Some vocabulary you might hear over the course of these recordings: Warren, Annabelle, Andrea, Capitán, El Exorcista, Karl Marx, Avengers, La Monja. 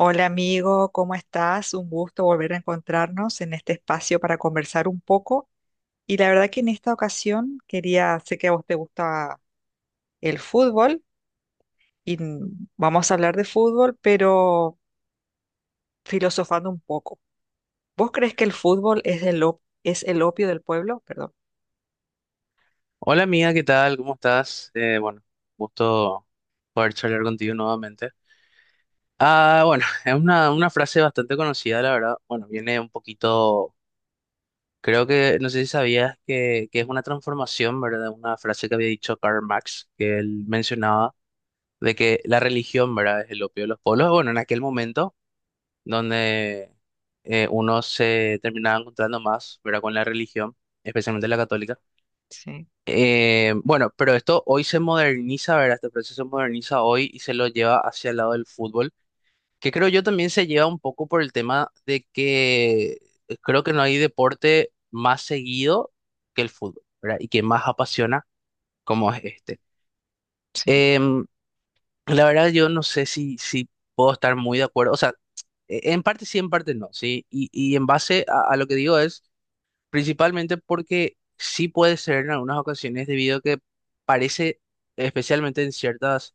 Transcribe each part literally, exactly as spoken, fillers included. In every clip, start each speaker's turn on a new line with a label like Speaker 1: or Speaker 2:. Speaker 1: Hola amigo, ¿cómo estás? Un gusto volver a encontrarnos en este espacio para conversar un poco. Y la verdad que en esta ocasión quería, sé que a vos te gusta el fútbol y n- vamos a hablar de fútbol, pero filosofando un poco. ¿Vos crees que el fútbol es el, op- es el opio del pueblo? Perdón.
Speaker 2: Hola amiga, ¿qué tal? ¿Cómo estás? Eh, bueno, gusto poder charlar contigo nuevamente. Ah, bueno, es una, una frase bastante conocida, la verdad. Bueno, viene un poquito, creo que, no sé si sabías que, que es una transformación, ¿verdad? Una frase que había dicho Karl Marx, que él mencionaba de que la religión, ¿verdad? Es el opio de los pueblos. Bueno, en aquel momento donde eh, uno se terminaba encontrando más, ¿verdad? Con la religión, especialmente la católica.
Speaker 1: Sí,
Speaker 2: Eh, bueno, pero esto hoy se moderniza, ¿verdad? Este proceso se moderniza hoy y se lo lleva hacia el lado del fútbol, que creo yo también se lleva un poco por el tema de que eh, creo que no hay deporte más seguido que el fútbol, ¿verdad? Y que más apasiona como es este.
Speaker 1: sí.
Speaker 2: Em, la verdad yo no sé si, si puedo estar muy de acuerdo, o sea, e- en parte sí, en parte no, ¿sí? Y, y en base a, a lo que digo es... Principalmente porque sí puede ser en algunas ocasiones debido a que parece, especialmente en ciertas,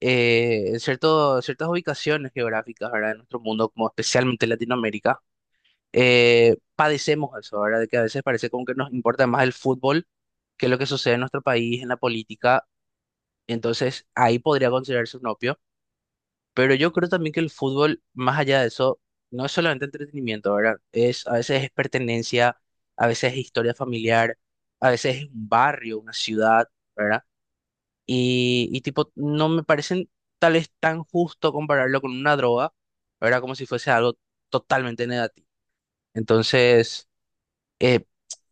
Speaker 2: eh, en cierto- ciertas ubicaciones geográficas, ¿verdad? En nuestro mundo, como especialmente Latinoamérica, eh, padecemos eso, ¿verdad? De que a veces parece como que nos importa más el fútbol que lo que sucede en nuestro país, en la política. Entonces, ahí podría considerarse un opio. Pero yo creo también que el fútbol, más allá de eso, no es solamente entretenimiento, ¿verdad? Es, a veces es pertenencia, a veces es historia familiar, a veces es un barrio, una ciudad, ¿verdad? Y, y tipo, no me parecen tal vez tan justo compararlo con una droga, ¿verdad? Como si fuese algo totalmente negativo. Entonces, eh,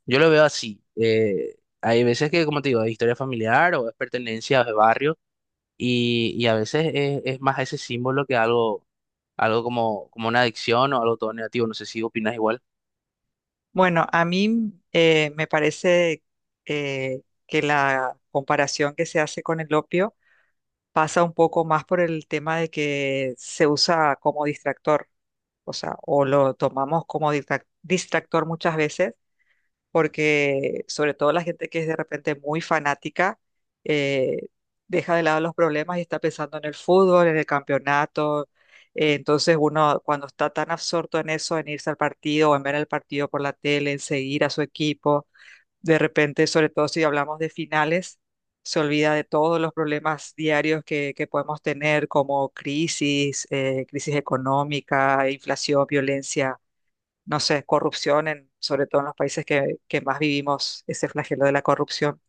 Speaker 2: yo lo veo así. Eh, hay veces que, como te digo, es historia familiar o es pertenencia, o es barrio. Y, y a veces es, es más ese símbolo que algo, algo como, como una adicción o algo todo negativo. No sé si opinas igual.
Speaker 1: Bueno, a mí eh, me parece eh, que la comparación que se hace con el opio pasa un poco más por el tema de que se usa como distractor, o sea, o lo tomamos como distrac- distractor muchas veces, porque sobre todo la gente que es de repente muy fanática, eh, deja de lado los problemas y está pensando en el fútbol, en el campeonato. Eh, entonces uno cuando está tan absorto en eso, en irse al partido o en ver el partido por la tele, en seguir a su equipo de repente, sobre todo si hablamos de finales, se olvida de todos los problemas diarios que, que podemos tener, como crisis, eh, crisis económica, inflación, violencia, no sé, corrupción, en, sobre todo en los países que, que más vivimos ese flagelo de la corrupción.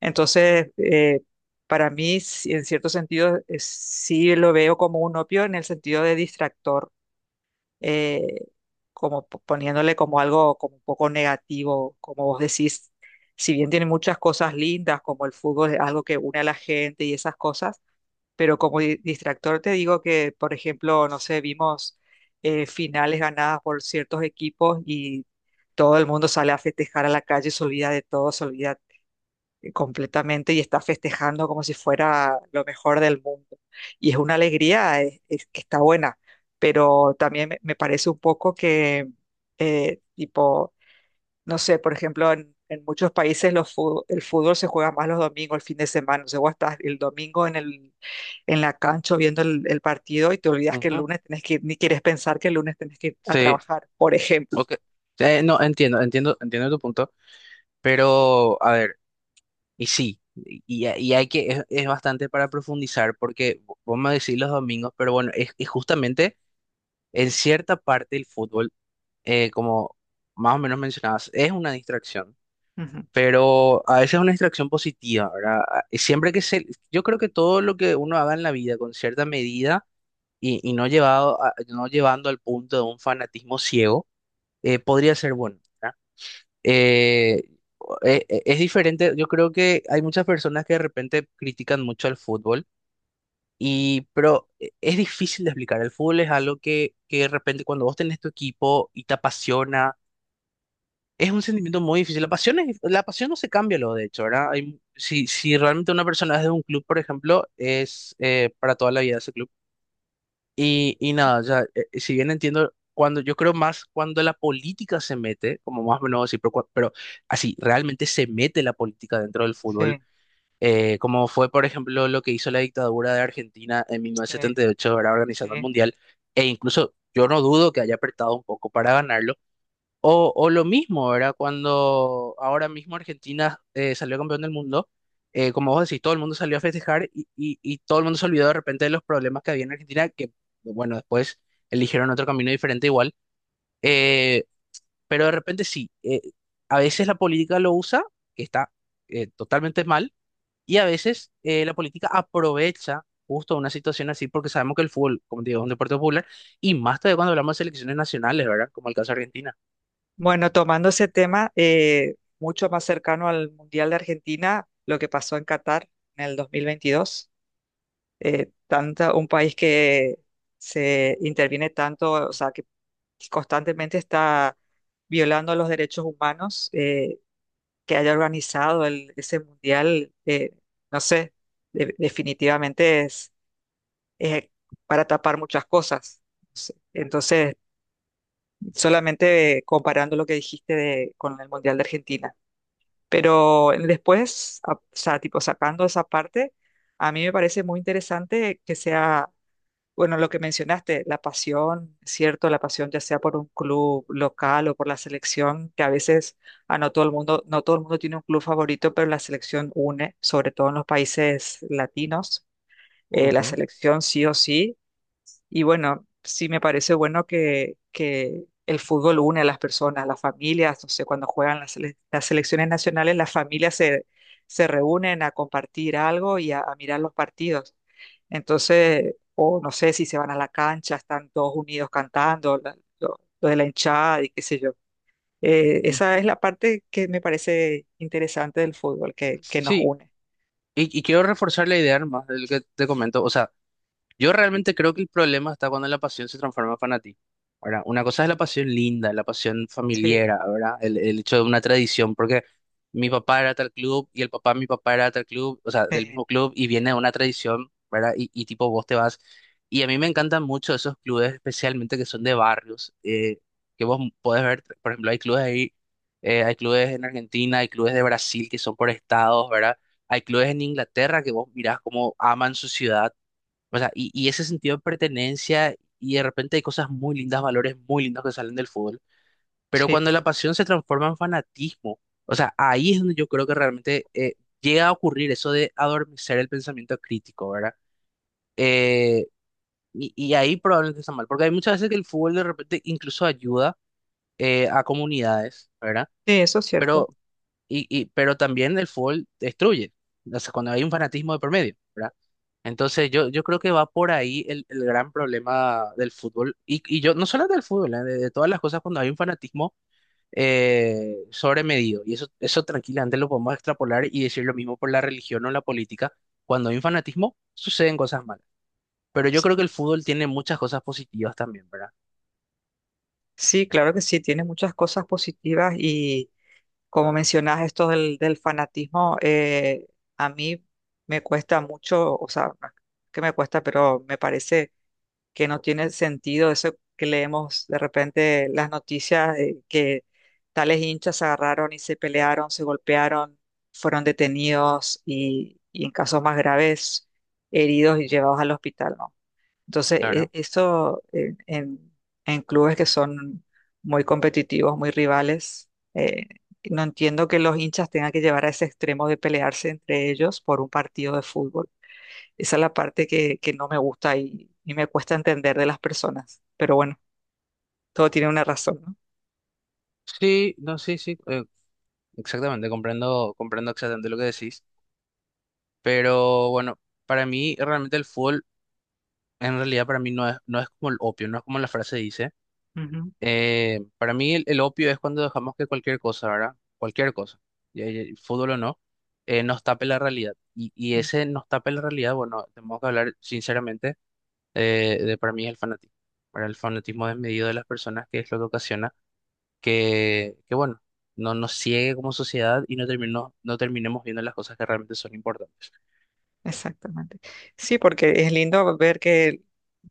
Speaker 1: Entonces, eh, para mí, sí, en cierto sentido, eh, sí lo veo como un opio en el sentido de distractor eh, como po- poniéndole como algo como un poco negativo, como vos decís, si bien tiene muchas cosas lindas, como el fútbol es algo que une a la gente y esas cosas, pero como di- distractor te digo que, por ejemplo, no sé, vimos eh, finales ganadas por ciertos equipos y todo el mundo sale a festejar a la calle, se olvida de todo, se olvida completamente y está festejando como si fuera lo mejor del mundo. Y es una alegría eh, es que está buena, pero también me, me parece un poco que, eh, tipo, no sé, por ejemplo, en, en muchos países los fu- el fútbol se juega más los domingos, el fin de semana. O sea, vos estás el domingo en, el, en la cancha viendo el, el partido y te olvidas que el
Speaker 2: Ujú.
Speaker 1: lunes tenés que ir, ni quieres pensar que el lunes tenés que ir a
Speaker 2: Sí,
Speaker 1: trabajar, por ejemplo.
Speaker 2: ok. Eh, no, entiendo, entiendo, entiendo tu punto. Pero, a ver, y sí, y, y hay que, es, es bastante para profundizar porque vo- vos me decís los domingos, pero bueno, es, es justamente en cierta parte el fútbol, eh, como más o menos mencionabas, es una distracción.
Speaker 1: Ujú.
Speaker 2: Pero a veces es una distracción positiva, ¿verdad? A- Siempre que se, yo creo que todo lo que uno haga en la vida con cierta medida y, y no llevado a- no llevando al punto de un fanatismo ciego, eh, podría ser bueno, ¿verdad? Eh, e- e- es diferente, yo creo que hay muchas personas que de repente critican mucho al fútbol, y, pero e- es difícil de explicar. El fútbol es algo que, que de repente cuando vos tenés tu equipo y te apasiona, es un sentimiento muy difícil. La pasión es- la pasión no se cambia, lo de hecho, ¿verdad? Hay- si, si realmente una persona es de un club, por ejemplo, es eh, para toda la vida ese club. Y, y nada, ya, eh, eh, si bien entiendo, cuando yo creo más cuando la política se mete, como más o menos así, pero, cua- pero así, realmente se mete la política dentro del fútbol,
Speaker 1: Sí,
Speaker 2: eh, como fue, por ejemplo, lo que hizo la dictadura de Argentina en
Speaker 1: sí,
Speaker 2: mil novecientos setenta y ocho, ¿verdad? Organizando el
Speaker 1: sí.
Speaker 2: Mundial, e incluso yo no dudo que haya apretado un poco para ganarlo o, o lo mismo, ¿verdad? Cuando ahora mismo Argentina eh, salió campeón del mundo, eh, como vos decís, todo el mundo salió a festejar y, y- y todo el mundo se olvidó de repente de los problemas que había en Argentina, que bueno, después eligieron otro camino diferente igual, eh, pero de repente sí, eh, a veces la política lo usa, que está eh, totalmente mal, y a veces eh, la política aprovecha justo una situación así, porque sabemos que el fútbol, como te digo, es un deporte popular, y más todavía cuando hablamos de selecciones nacionales, ¿verdad? Como el caso de Argentina.
Speaker 1: Bueno, tomando ese tema eh, mucho más cercano al Mundial de Argentina, lo que pasó en Qatar en el dos mil veintidós, eh, tanto, un país que se interviene tanto, o sea, que constantemente está violando los derechos humanos, eh, que haya organizado el- ese Mundial, eh, no sé, de- definitivamente es, es para tapar muchas cosas. Entonces, solamente comparando lo que dijiste de- con el Mundial de Argentina. Pero después, a- o sea, tipo sacando esa parte, a mí me parece muy interesante que sea, bueno, lo que mencionaste, la pasión, ¿cierto? La pasión ya sea por un club local o por la selección, que a veces, a no todo el mundo, no todo el mundo tiene un club favorito, pero la selección une, sobre todo en los países latinos. Eh, la
Speaker 2: Ujú.
Speaker 1: selección sí o sí y bueno, sí me parece bueno que, que el fútbol une a las personas, las familias, no sé, cuando juegan las, sele- las selecciones nacionales, las familias se, se reúnen a compartir algo y a, a mirar los partidos. Entonces, o no sé si se van a la cancha, están todos unidos cantando, la- lo, lo de la hinchada y qué sé yo. Eh, esa es la parte que me parece interesante del fútbol, que, que nos
Speaker 2: Sí,
Speaker 1: une.
Speaker 2: y, y quiero reforzar la idea más del que te comento. O sea, yo realmente creo que el problema está cuando la pasión se transforma en fanatismo. Ahora, una cosa es la pasión linda, la pasión familiar,
Speaker 1: Sí,
Speaker 2: ¿verdad? El, el hecho de una tradición, porque mi papá era tal club y el papá de mi papá era tal club, o sea, del
Speaker 1: sí,
Speaker 2: mismo club y viene de una tradición, ¿verdad? Y, y tipo vos te vas. Y a mí me encantan mucho esos clubes, especialmente que son de barrios, eh, que vos podés ver, por ejemplo, hay clubes ahí, eh, hay clubes en Argentina, hay clubes de Brasil que son por estados, ¿verdad? Hay clubes en Inglaterra que vos mirás cómo aman su ciudad, o sea, y, y ese sentido de pertenencia y de repente hay cosas muy lindas, valores muy lindos que salen del fútbol. Pero
Speaker 1: sí,
Speaker 2: cuando la
Speaker 1: total.
Speaker 2: pasión se transforma en fanatismo, o sea, ahí es donde yo creo que realmente eh, llega a ocurrir eso de adormecer el pensamiento crítico, ¿verdad? Eh, y, y ahí probablemente está mal, porque hay muchas veces que el fútbol de repente incluso ayuda eh, a comunidades, ¿verdad?
Speaker 1: Sí, eso es cierto.
Speaker 2: Pero, y, y- pero también el fútbol destruye, o sea, cuando hay un fanatismo de por medio, ¿verdad? Entonces yo, yo creo que va por ahí el, el gran problema del fútbol. Y, y yo, no solo del fútbol, eh, de, de todas las cosas cuando hay un fanatismo eh, sobremedido. Y eso, eso tranquilamente lo podemos extrapolar y decir lo mismo por la religión o la política. Cuando hay un fanatismo, suceden cosas malas. Pero yo creo que el fútbol tiene muchas cosas positivas también, ¿verdad?
Speaker 1: Sí, claro que sí, tiene muchas cosas positivas y como mencionas esto del, del fanatismo, eh, a mí me cuesta mucho, o sea, no es que me cuesta, pero me parece que no tiene sentido eso que leemos de repente las noticias de que tales hinchas se agarraron y se pelearon, se golpearon, fueron detenidos y, y en casos más graves heridos y llevados al hospital, ¿no? Entonces, e-
Speaker 2: Claro.
Speaker 1: esto en, en- en clubes que son muy competitivos, muy rivales, eh, no entiendo que los hinchas tengan que llevar a ese extremo de pelearse entre ellos por un partido de fútbol. Esa es la parte que, que no me gusta y, y me cuesta entender de las personas. Pero bueno, todo tiene una razón, ¿no?
Speaker 2: Sí, no, sí, sí, eh, exactamente, comprendo, comprendo exactamente lo que decís. Pero bueno, para mí realmente el fútbol, en realidad para mí no es, no es como el opio, no es como la frase dice.
Speaker 1: Ujú,
Speaker 2: Eh, para mí el, el opio es cuando dejamos que cualquier cosa, ¿verdad? Cualquier cosa, ya- ya- fútbol o no, eh, nos tape la realidad. Y, y
Speaker 1: mm,
Speaker 2: ese nos tape la realidad, bueno, tenemos que hablar sinceramente eh, de para mí es el fanatismo. Para el fanatismo desmedido de las personas, que es lo que ocasiona que, que bueno, no nos ciegue como sociedad y no termino- no terminemos viendo las cosas que realmente son importantes.
Speaker 1: exactamente. Sí, porque es lindo ver que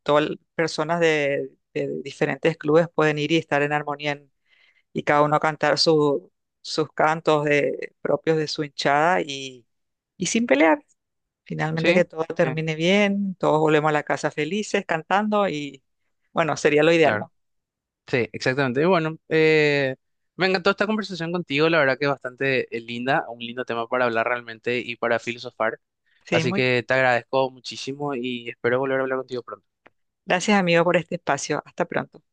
Speaker 1: todas las personas de, de diferentes clubes pueden ir y estar en armonía y cada uno a cantar su- sus cantos de- propios de su hinchada y, y sin pelear. Finalmente que
Speaker 2: Sí,
Speaker 1: todo
Speaker 2: sí,
Speaker 1: termine bien, todos volvemos a la casa felices cantando y bueno, sería lo ideal,
Speaker 2: claro.
Speaker 1: ¿no?
Speaker 2: Sí, exactamente. Y bueno, eh, me encantó esta conversación contigo, la verdad que es bastante eh, linda, un lindo tema para hablar realmente y para filosofar.
Speaker 1: Sí,
Speaker 2: Así
Speaker 1: muy
Speaker 2: que te agradezco muchísimo y espero volver a hablar contigo pronto.
Speaker 1: gracias amigo por este espacio. Hasta pronto.